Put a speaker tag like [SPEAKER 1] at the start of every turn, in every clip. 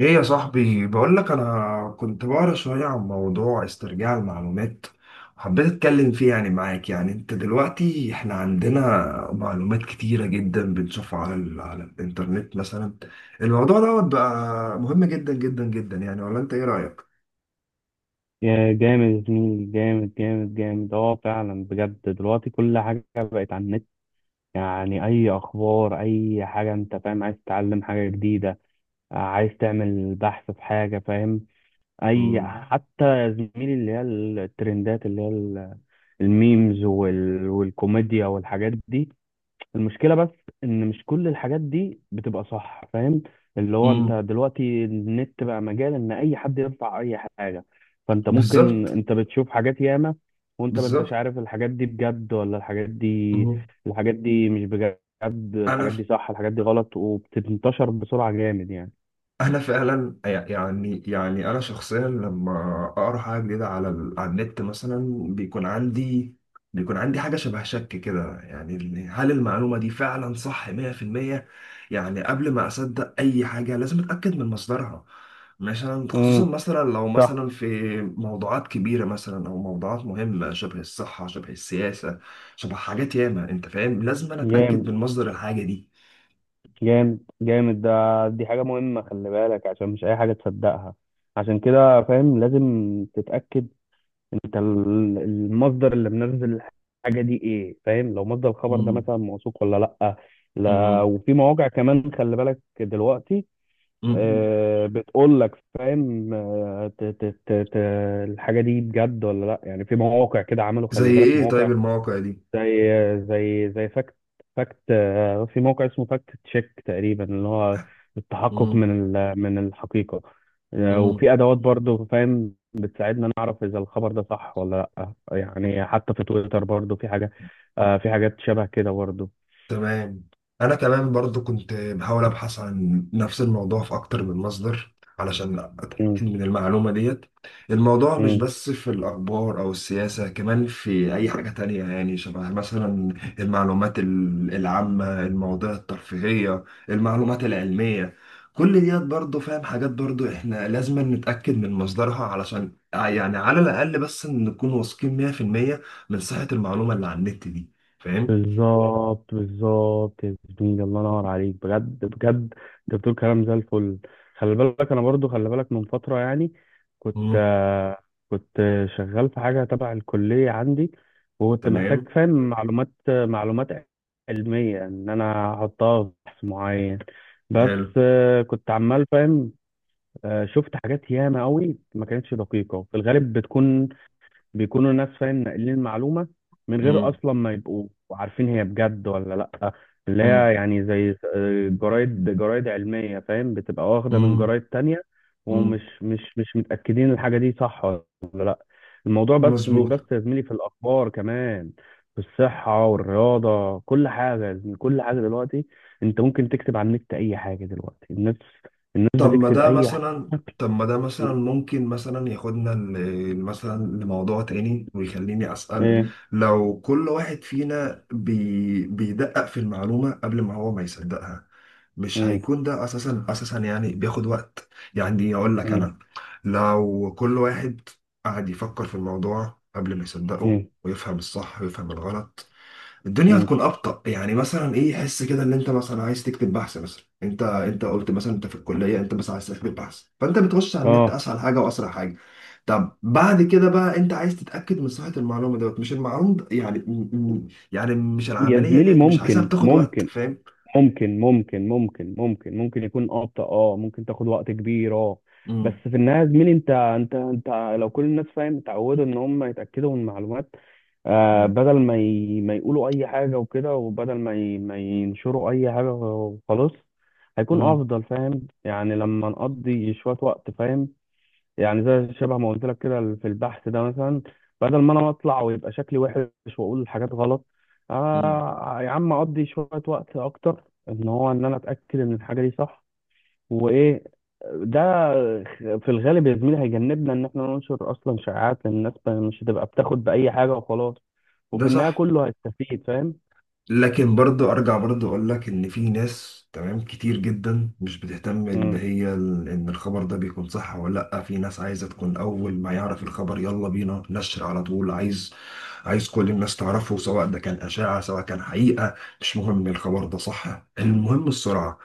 [SPEAKER 1] ايه يا صاحبي، بقول لك انا كنت بقرا شويه عن موضوع استرجاع المعلومات، وحبيت اتكلم فيه يعني معاك. يعني انت دلوقتي احنا عندنا معلومات كتيره جدا بنشوفها على الانترنت مثلا. الموضوع دوت بقى مهم جدا جدا جدا يعني، ولا انت ايه رايك؟
[SPEAKER 2] يا جامد يا زميلي، جامد جامد جامد، اه فعلا بجد. دلوقتي كل حاجة بقت على النت، يعني أي أخبار أي حاجة أنت فاهم، عايز تتعلم حاجة جديدة، عايز تعمل بحث في حاجة فاهم. أي
[SPEAKER 1] مم.
[SPEAKER 2] حتى يا زميلي اللي هي الترندات اللي هي الميمز والكوميديا والحاجات دي. المشكلة بس إن مش كل الحاجات دي بتبقى صح فاهم، اللي هو أنت
[SPEAKER 1] مم.
[SPEAKER 2] دلوقتي النت بقى مجال إن أي حد يرفع أي حاجة، فأنت ممكن
[SPEAKER 1] بالظبط.
[SPEAKER 2] أنت بتشوف حاجات ياما، وأنت ما أنتش
[SPEAKER 1] بالظبط.
[SPEAKER 2] عارف الحاجات دي بجد ولا الحاجات دي،
[SPEAKER 1] مم.
[SPEAKER 2] الحاجات دي مش بجد، الحاجات
[SPEAKER 1] انا
[SPEAKER 2] دي صح، الحاجات دي غلط، وبتنتشر بسرعة جامد يعني.
[SPEAKER 1] انا فعلا يعني انا شخصيا لما اقرا حاجه جديده على النت مثلا، بيكون عندي حاجه شبه شك كده، يعني هل المعلومه دي فعلا صح 100%؟ يعني قبل ما اصدق اي حاجه لازم اتاكد من مصدرها. مثلا خصوصا
[SPEAKER 2] امم
[SPEAKER 1] مثلا لو
[SPEAKER 2] صح.
[SPEAKER 1] مثلا في موضوعات كبيره مثلا او موضوعات مهمه، شبه الصحه شبه السياسه شبه حاجات ياما، انت فاهم، لازم انا اتاكد من
[SPEAKER 2] جامد
[SPEAKER 1] مصدر الحاجه دي.
[SPEAKER 2] جامد جامد، ده دي حاجة مهمة، خلي بالك عشان مش أي حاجة تصدقها، عشان كده فاهم لازم تتأكد انت المصدر اللي منزل الحاجه دي ايه فاهم، لو مصدر الخبر ده
[SPEAKER 1] مم.
[SPEAKER 2] مثلا موثوق ولا لا. لا، وفي مواقع كمان خلي بالك دلوقتي،
[SPEAKER 1] مم.
[SPEAKER 2] بتقول لك فاهم، الحاجه دي بجد ولا لا يعني، في مواقع كده عملوا،
[SPEAKER 1] زي
[SPEAKER 2] خلي بالك
[SPEAKER 1] ايه
[SPEAKER 2] مواقع
[SPEAKER 1] طيب المواقع دي؟
[SPEAKER 2] زي فاكت، فاكت. في موقع اسمه فاكت تشيك تقريبا، اللي هو التحقق
[SPEAKER 1] امم.
[SPEAKER 2] من من الحقيقة.
[SPEAKER 1] امم.
[SPEAKER 2] وفي أدوات برضو فاهم بتساعدنا نعرف إذا الخبر ده صح ولا لأ، يعني حتى في تويتر برضو في حاجة، في حاجات شبه كده برضو.
[SPEAKER 1] تمام. انا كمان برضو كنت بحاول ابحث عن نفس الموضوع في اكتر من مصدر علشان اتاكد من المعلومه ديت. الموضوع مش
[SPEAKER 2] مم.
[SPEAKER 1] بس في الاخبار او السياسه، كمان في اي حاجه تانية، يعني شبه مثلا المعلومات العامه، المواضيع الترفيهيه، المعلومات العلميه، كل ديت برضو فاهم، حاجات برضو احنا لازم نتاكد من مصدرها، علشان يعني على الاقل بس نكون واثقين 100% من صحه المعلومه اللي على النت دي، فاهم.
[SPEAKER 2] بالظبط بالظبط يا زميلي، الله ينور عليك بجد بجد. انت بتقول كلام زي الفل. خلي بالك انا برضو، خلي بالك من فتره يعني كنت، كنت شغال في حاجه تبع الكليه عندي، وكنت محتاج
[SPEAKER 1] تمام.
[SPEAKER 2] فاهم معلومات علميه ان انا احطها في بحث معين، بس
[SPEAKER 1] حلو.
[SPEAKER 2] كنت عمال فاهم، شفت حاجات ياما قوي ما كانتش دقيقه، في الغالب بتكون بيكونوا الناس فاهم ناقلين المعلومة من غير
[SPEAKER 1] مم.
[SPEAKER 2] أصلا ما يبقوا عارفين هي بجد ولا لأ. اللي هي
[SPEAKER 1] مم.
[SPEAKER 2] يعني زي، جرايد علمية فاهم بتبقى واخدة من
[SPEAKER 1] مم.
[SPEAKER 2] جرايد تانية،
[SPEAKER 1] مم.
[SPEAKER 2] ومش مش مش متأكدين الحاجة دي صح ولا لأ. الموضوع بس مش بس
[SPEAKER 1] مظبوط.
[SPEAKER 2] يا زميلي في الأخبار، كمان في الصحة والرياضة، كل حاجة يا زميلي، كل حاجة دلوقتي. أنت ممكن تكتب على النت أي حاجة دلوقتي، الناس
[SPEAKER 1] طب ما
[SPEAKER 2] بتكتب
[SPEAKER 1] ده
[SPEAKER 2] أي حاجة.
[SPEAKER 1] مثلا طب ما ده مثلا ممكن مثلا ياخدنا مثلا لموضوع تاني ويخليني أسأل،
[SPEAKER 2] إيه.
[SPEAKER 1] لو كل واحد فينا بيدقق في المعلومة قبل ما هو ما يصدقها، مش
[SPEAKER 2] إيه.
[SPEAKER 1] هيكون ده أساسا أساسا يعني بياخد وقت؟ يعني أقول لك
[SPEAKER 2] إيه.
[SPEAKER 1] أنا، لو كل واحد قعد يفكر في الموضوع قبل ما يصدقه
[SPEAKER 2] إيه.
[SPEAKER 1] ويفهم الصح ويفهم الغلط، الدنيا
[SPEAKER 2] إيه.
[SPEAKER 1] هتكون ابطأ. يعني مثلا ايه، حس كده ان انت مثلا عايز تكتب بحث مثلا، انت قلت مثلا انت في الكليه، انت بس عايز تكتب بحث، فانت بتخش على النت
[SPEAKER 2] آه.
[SPEAKER 1] اسهل حاجه واسرع حاجه. طب بعد كده بقى انت عايز تتاكد من صحه المعلومه دوت، مش المعلومه د- يعني يعني مش
[SPEAKER 2] يا
[SPEAKER 1] العمليه
[SPEAKER 2] زميلي،
[SPEAKER 1] ديت مش عايزها بتاخد وقت، فاهم.
[SPEAKER 2] ممكن يكون ابطأ، اه، ممكن تاخد وقت كبير، اه. بس
[SPEAKER 1] امم.
[SPEAKER 2] في النهايه يا زميلي، انت لو كل الناس فاهم اتعودوا ان هم يتاكدوا من المعلومات، آه، بدل ما يقولوا اي حاجه وكده، وبدل ما ينشروا اي حاجه وخلاص، هيكون
[SPEAKER 1] امم.
[SPEAKER 2] افضل فاهم، يعني لما نقضي شويه وقت فاهم، يعني زي شبه ما قلت لك كده في البحث ده مثلا، بدل ما انا اطلع ويبقى شكلي وحش واقول حاجات غلط،
[SPEAKER 1] امم.
[SPEAKER 2] آه يا عم اقضي شويه وقت اكتر ان هو ان انا اتاكد ان الحاجه دي صح. وايه ده، في الغالب يا زميلي هيجنبنا ان احنا ننشر اصلا شائعات، لأن الناس مش هتبقى بتاخد باي حاجه وخلاص،
[SPEAKER 1] ده
[SPEAKER 2] وفي النهايه
[SPEAKER 1] صح.
[SPEAKER 2] كله هيستفيد فاهم.
[SPEAKER 1] لكن برضو ارجع برضو اقول لك ان في ناس، تمام، كتير جدا مش بتهتم
[SPEAKER 2] امم
[SPEAKER 1] ان الخبر ده بيكون صح ولا لا. في ناس عايزه تكون اول ما يعرف الخبر يلا بينا نشر على طول، عايز كل الناس تعرفه، سواء ده كان اشاعه سواء كان حقيقه. مش مهم الخبر ده صح، المهم السرعه.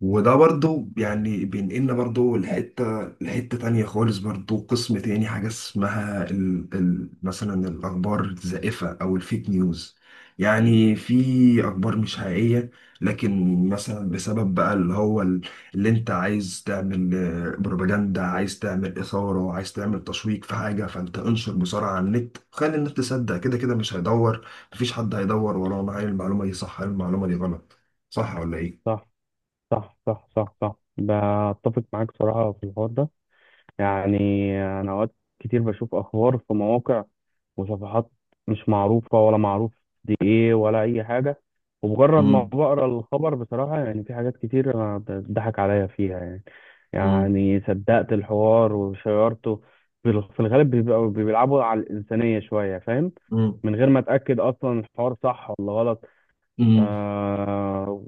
[SPEAKER 1] وده برضو يعني بينقلنا برضو لحتة تانية خالص، برضو قسم تاني حاجة اسمها ال مثلا الأخبار الزائفة أو الفيك نيوز. يعني في اخبار مش حقيقيه، لكن مثلا بسبب بقى اللي هو اللي انت عايز تعمل بروباجندا، عايز تعمل اثاره، عايز تعمل تشويق في حاجه، فانت انشر بسرعه على النت خلي الناس تصدق، كده كده مش هيدور، مفيش حد هيدور ورانا هل المعلومه دي صح هل المعلومه دي غلط، صح ولا ايه؟
[SPEAKER 2] صح، صح صح صح صح، بتفق معاك صراحه في الحوار ده. يعني أنا أوقات كتير بشوف أخبار في مواقع وصفحات مش معروفة، ولا معروف دي إيه ولا أي حاجة، ومجرد ما
[SPEAKER 1] امم.
[SPEAKER 2] بقرا الخبر بصراحة يعني في حاجات كتير أنا بتضحك عليا فيها يعني، يعني صدقت الحوار وشيرته. في الغالب بيبقوا بيلعبوا على الإنسانية شوية فاهم، من غير ما أتأكد أصلا الحوار صح ولا غلط.
[SPEAKER 1] امم.
[SPEAKER 2] آه،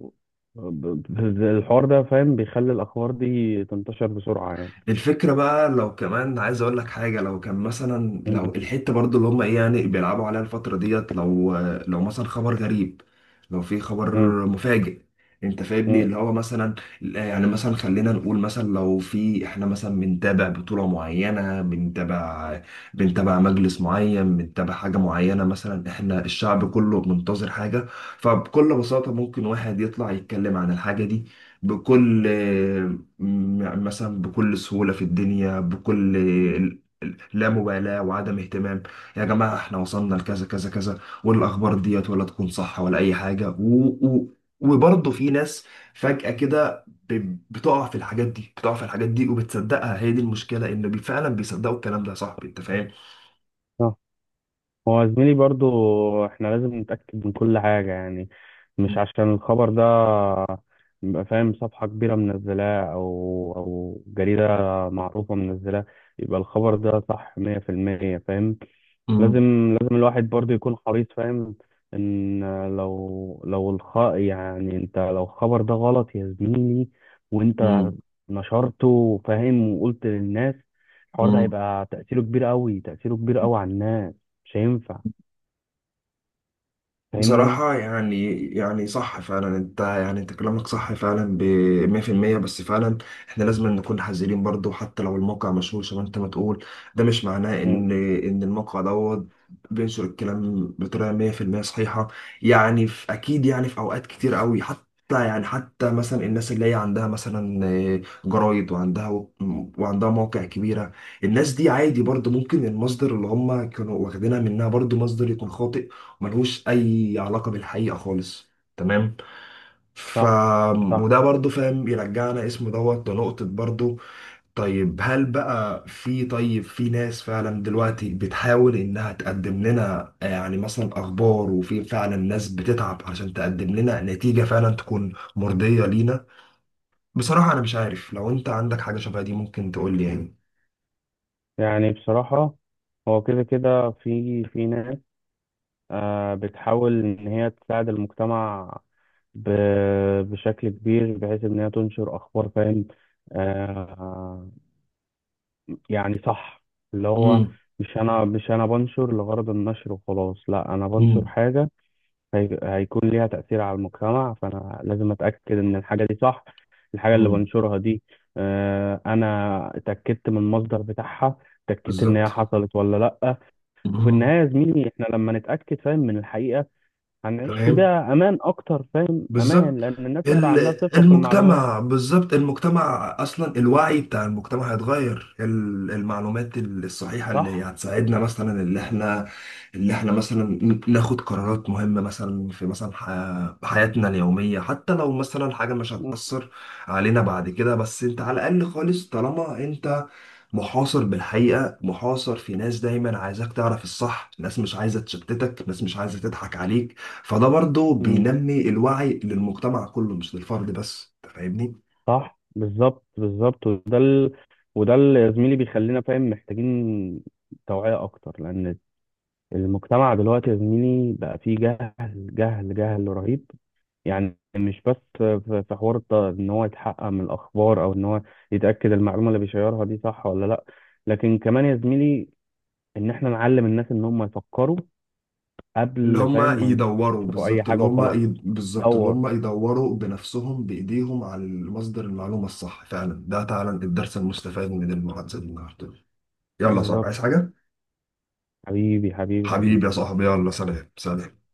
[SPEAKER 2] ب- الحوار ده فاهم بيخلي الأخبار دي تنتشر بسرعة يعني.
[SPEAKER 1] الفكرة بقى، لو كمان عايز اقول لك حاجة، لو كان مثلا لو الحتة برضو اللي هم ايه يعني بيلعبوا عليها الفترة ديت، لو لو مثلا خبر غريب، لو في خبر
[SPEAKER 2] مم.
[SPEAKER 1] مفاجئ، انت فاهمني،
[SPEAKER 2] مم.
[SPEAKER 1] اللي هو مثلا يعني مثلا خلينا نقول مثلا لو في، احنا مثلا بنتابع بطولة معينة، بنتابع مجلس معين، بنتابع حاجة معينة، مثلا احنا الشعب كله منتظر حاجة، فبكل بساطة ممكن واحد يطلع يتكلم عن الحاجة دي بكل يعني مثلا بكل سهولة في الدنيا، بكل لا مبالاة وعدم اهتمام. يا جماعة احنا وصلنا لكذا كذا كذا والأخبار ديت ولا تكون صح ولا أي حاجة و وبرضه في ناس فجأة كده بتقع في الحاجات دي، وبتصدقها. هي دي المشكلة إن فعلا بيصدقوا الكلام ده، يا صاحبي أنت فاهم؟
[SPEAKER 2] آه. هو زميلي برضو احنا لازم نتأكد من كل حاجة يعني، مش عشان الخبر ده يبقى فاهم صفحة كبيرة منزلاه أو أو جريدة معروفة منزلاه يبقى الخبر ده صح 100% فاهم،
[SPEAKER 1] مم.
[SPEAKER 2] لازم لازم الواحد برضه يكون حريص فاهم، إن لو لو الخ يعني أنت لو الخبر ده غلط يا زميلي وأنت
[SPEAKER 1] مم.
[SPEAKER 2] نشرته فاهم وقلت للناس، الحوار ده
[SPEAKER 1] مم.
[SPEAKER 2] هيبقى تأثيره كبير أوي، تأثيره كبير أوي على الناس، مش هينفع فاهمني؟
[SPEAKER 1] بصراحة يعني صح فعلا، انت يعني انت كلامك صح فعلا، ب 100%. بس فعلا احنا لازم نكون حذرين برضو، حتى لو الموقع مشهور زي ما انت ما تقول، ده مش معناه
[SPEAKER 2] مم.
[SPEAKER 1] ان الموقع دوت بينشر الكلام بطريقة 100% صحيحة. يعني في اكيد، يعني في اوقات كتير قوي، حتى يعني حتى مثلا الناس اللي هي عندها مثلا جرايد، وعندها مواقع كبيرة، الناس دي عادي برضو ممكن المصدر اللي هم كانوا واخدينها منها برضو مصدر يكون خاطئ، ملهوش اي علاقه بالحقيقه خالص. تمام. ف
[SPEAKER 2] صح صح.
[SPEAKER 1] وده برضو فاهم يرجعنا اسمه دوت لنقطه برضو. طيب في ناس فعلا دلوقتي بتحاول انها تقدم لنا يعني مثلا اخبار، وفي فعلا ناس بتتعب عشان تقدم لنا نتيجه فعلا تكون مرضيه لينا. بصراحه انا مش عارف، لو انت عندك حاجه شبه دي ممكن تقول لي يعني.
[SPEAKER 2] يعني بصراحة هو كده كده في ناس، بتحاول إن هي تساعد المجتمع، بشكل كبير بحيث إن هي تنشر أخبار فاهم، آه، يعني صح، اللي هو
[SPEAKER 1] امم.
[SPEAKER 2] مش أنا بنشر لغرض النشر وخلاص، لا أنا بنشر
[SPEAKER 1] امم.
[SPEAKER 2] حاجة هي- هيكون ليها تأثير على المجتمع، فأنا لازم أتأكد إن الحاجة دي صح، الحاجة اللي
[SPEAKER 1] امم.
[SPEAKER 2] بنشرها دي. أنا اتأكدت من المصدر بتاعها، اتأكدت إن هي
[SPEAKER 1] بالظبط.
[SPEAKER 2] حصلت ولا لأ. وفي
[SPEAKER 1] امم.
[SPEAKER 2] النهاية يا زميلي إحنا لما نتأكد فاهم من الحقيقة، هنعيش في
[SPEAKER 1] تمام.
[SPEAKER 2] بيئة أمان أكتر فاهم، أمان،
[SPEAKER 1] بالظبط.
[SPEAKER 2] لأن الناس هيبقى
[SPEAKER 1] ال-
[SPEAKER 2] عندها ثقة في المعلومات.
[SPEAKER 1] المجتمع بالظبط، المجتمع اصلا الوعي بتاع المجتمع هيتغير، المعلومات الصحيحه اللي
[SPEAKER 2] صح؟
[SPEAKER 1] هتساعدنا مثلا، اللي احنا مثلا ناخد قرارات مهمه مثلا في مثلا حياتنا اليوميه، حتى لو مثلا حاجه مش هتاثر علينا بعد كده، بس انت على الاقل خالص طالما انت محاصر بالحقيقة، محاصر في ناس دايما عايزاك تعرف الصح، ناس مش عايزة تشتتك، ناس مش عايزة تضحك عليك، فده برضو
[SPEAKER 2] مم.
[SPEAKER 1] بينمي الوعي للمجتمع كله مش للفرد بس. أنت فاهمني؟
[SPEAKER 2] صح بالظبط بالظبط، وده اللي يا زميلي بيخلينا فاهم محتاجين توعية أكتر، لأن المجتمع دلوقتي يا زميلي بقى فيه جهل جهل جهل رهيب، يعني مش بس في حوار إن هو يتحقق من الأخبار، أو إن هو يتأكد المعلومة اللي بيشيرها دي صح ولا لأ، لكن كمان يا زميلي إن إحنا نعلم الناس إن هم يفكروا
[SPEAKER 1] اللي
[SPEAKER 2] قبل
[SPEAKER 1] هم
[SPEAKER 2] فاهم
[SPEAKER 1] يدوروا
[SPEAKER 2] لو اي
[SPEAKER 1] بالظبط،
[SPEAKER 2] حاجه وخلاص.
[SPEAKER 1] بالظبط اللي
[SPEAKER 2] دور
[SPEAKER 1] هم يدوروا بنفسهم بإيديهم على مصدر المعلومة الصح، فعلا ده فعلا الدرس المستفاد من المحادثة دي النهاردة. يلا يا صاحبي
[SPEAKER 2] بالظبط.
[SPEAKER 1] عايز حاجة؟
[SPEAKER 2] حبيبي حبيبي
[SPEAKER 1] حبيبي
[SPEAKER 2] حبيبي.
[SPEAKER 1] يا صاحبي، يلا سلام سلام.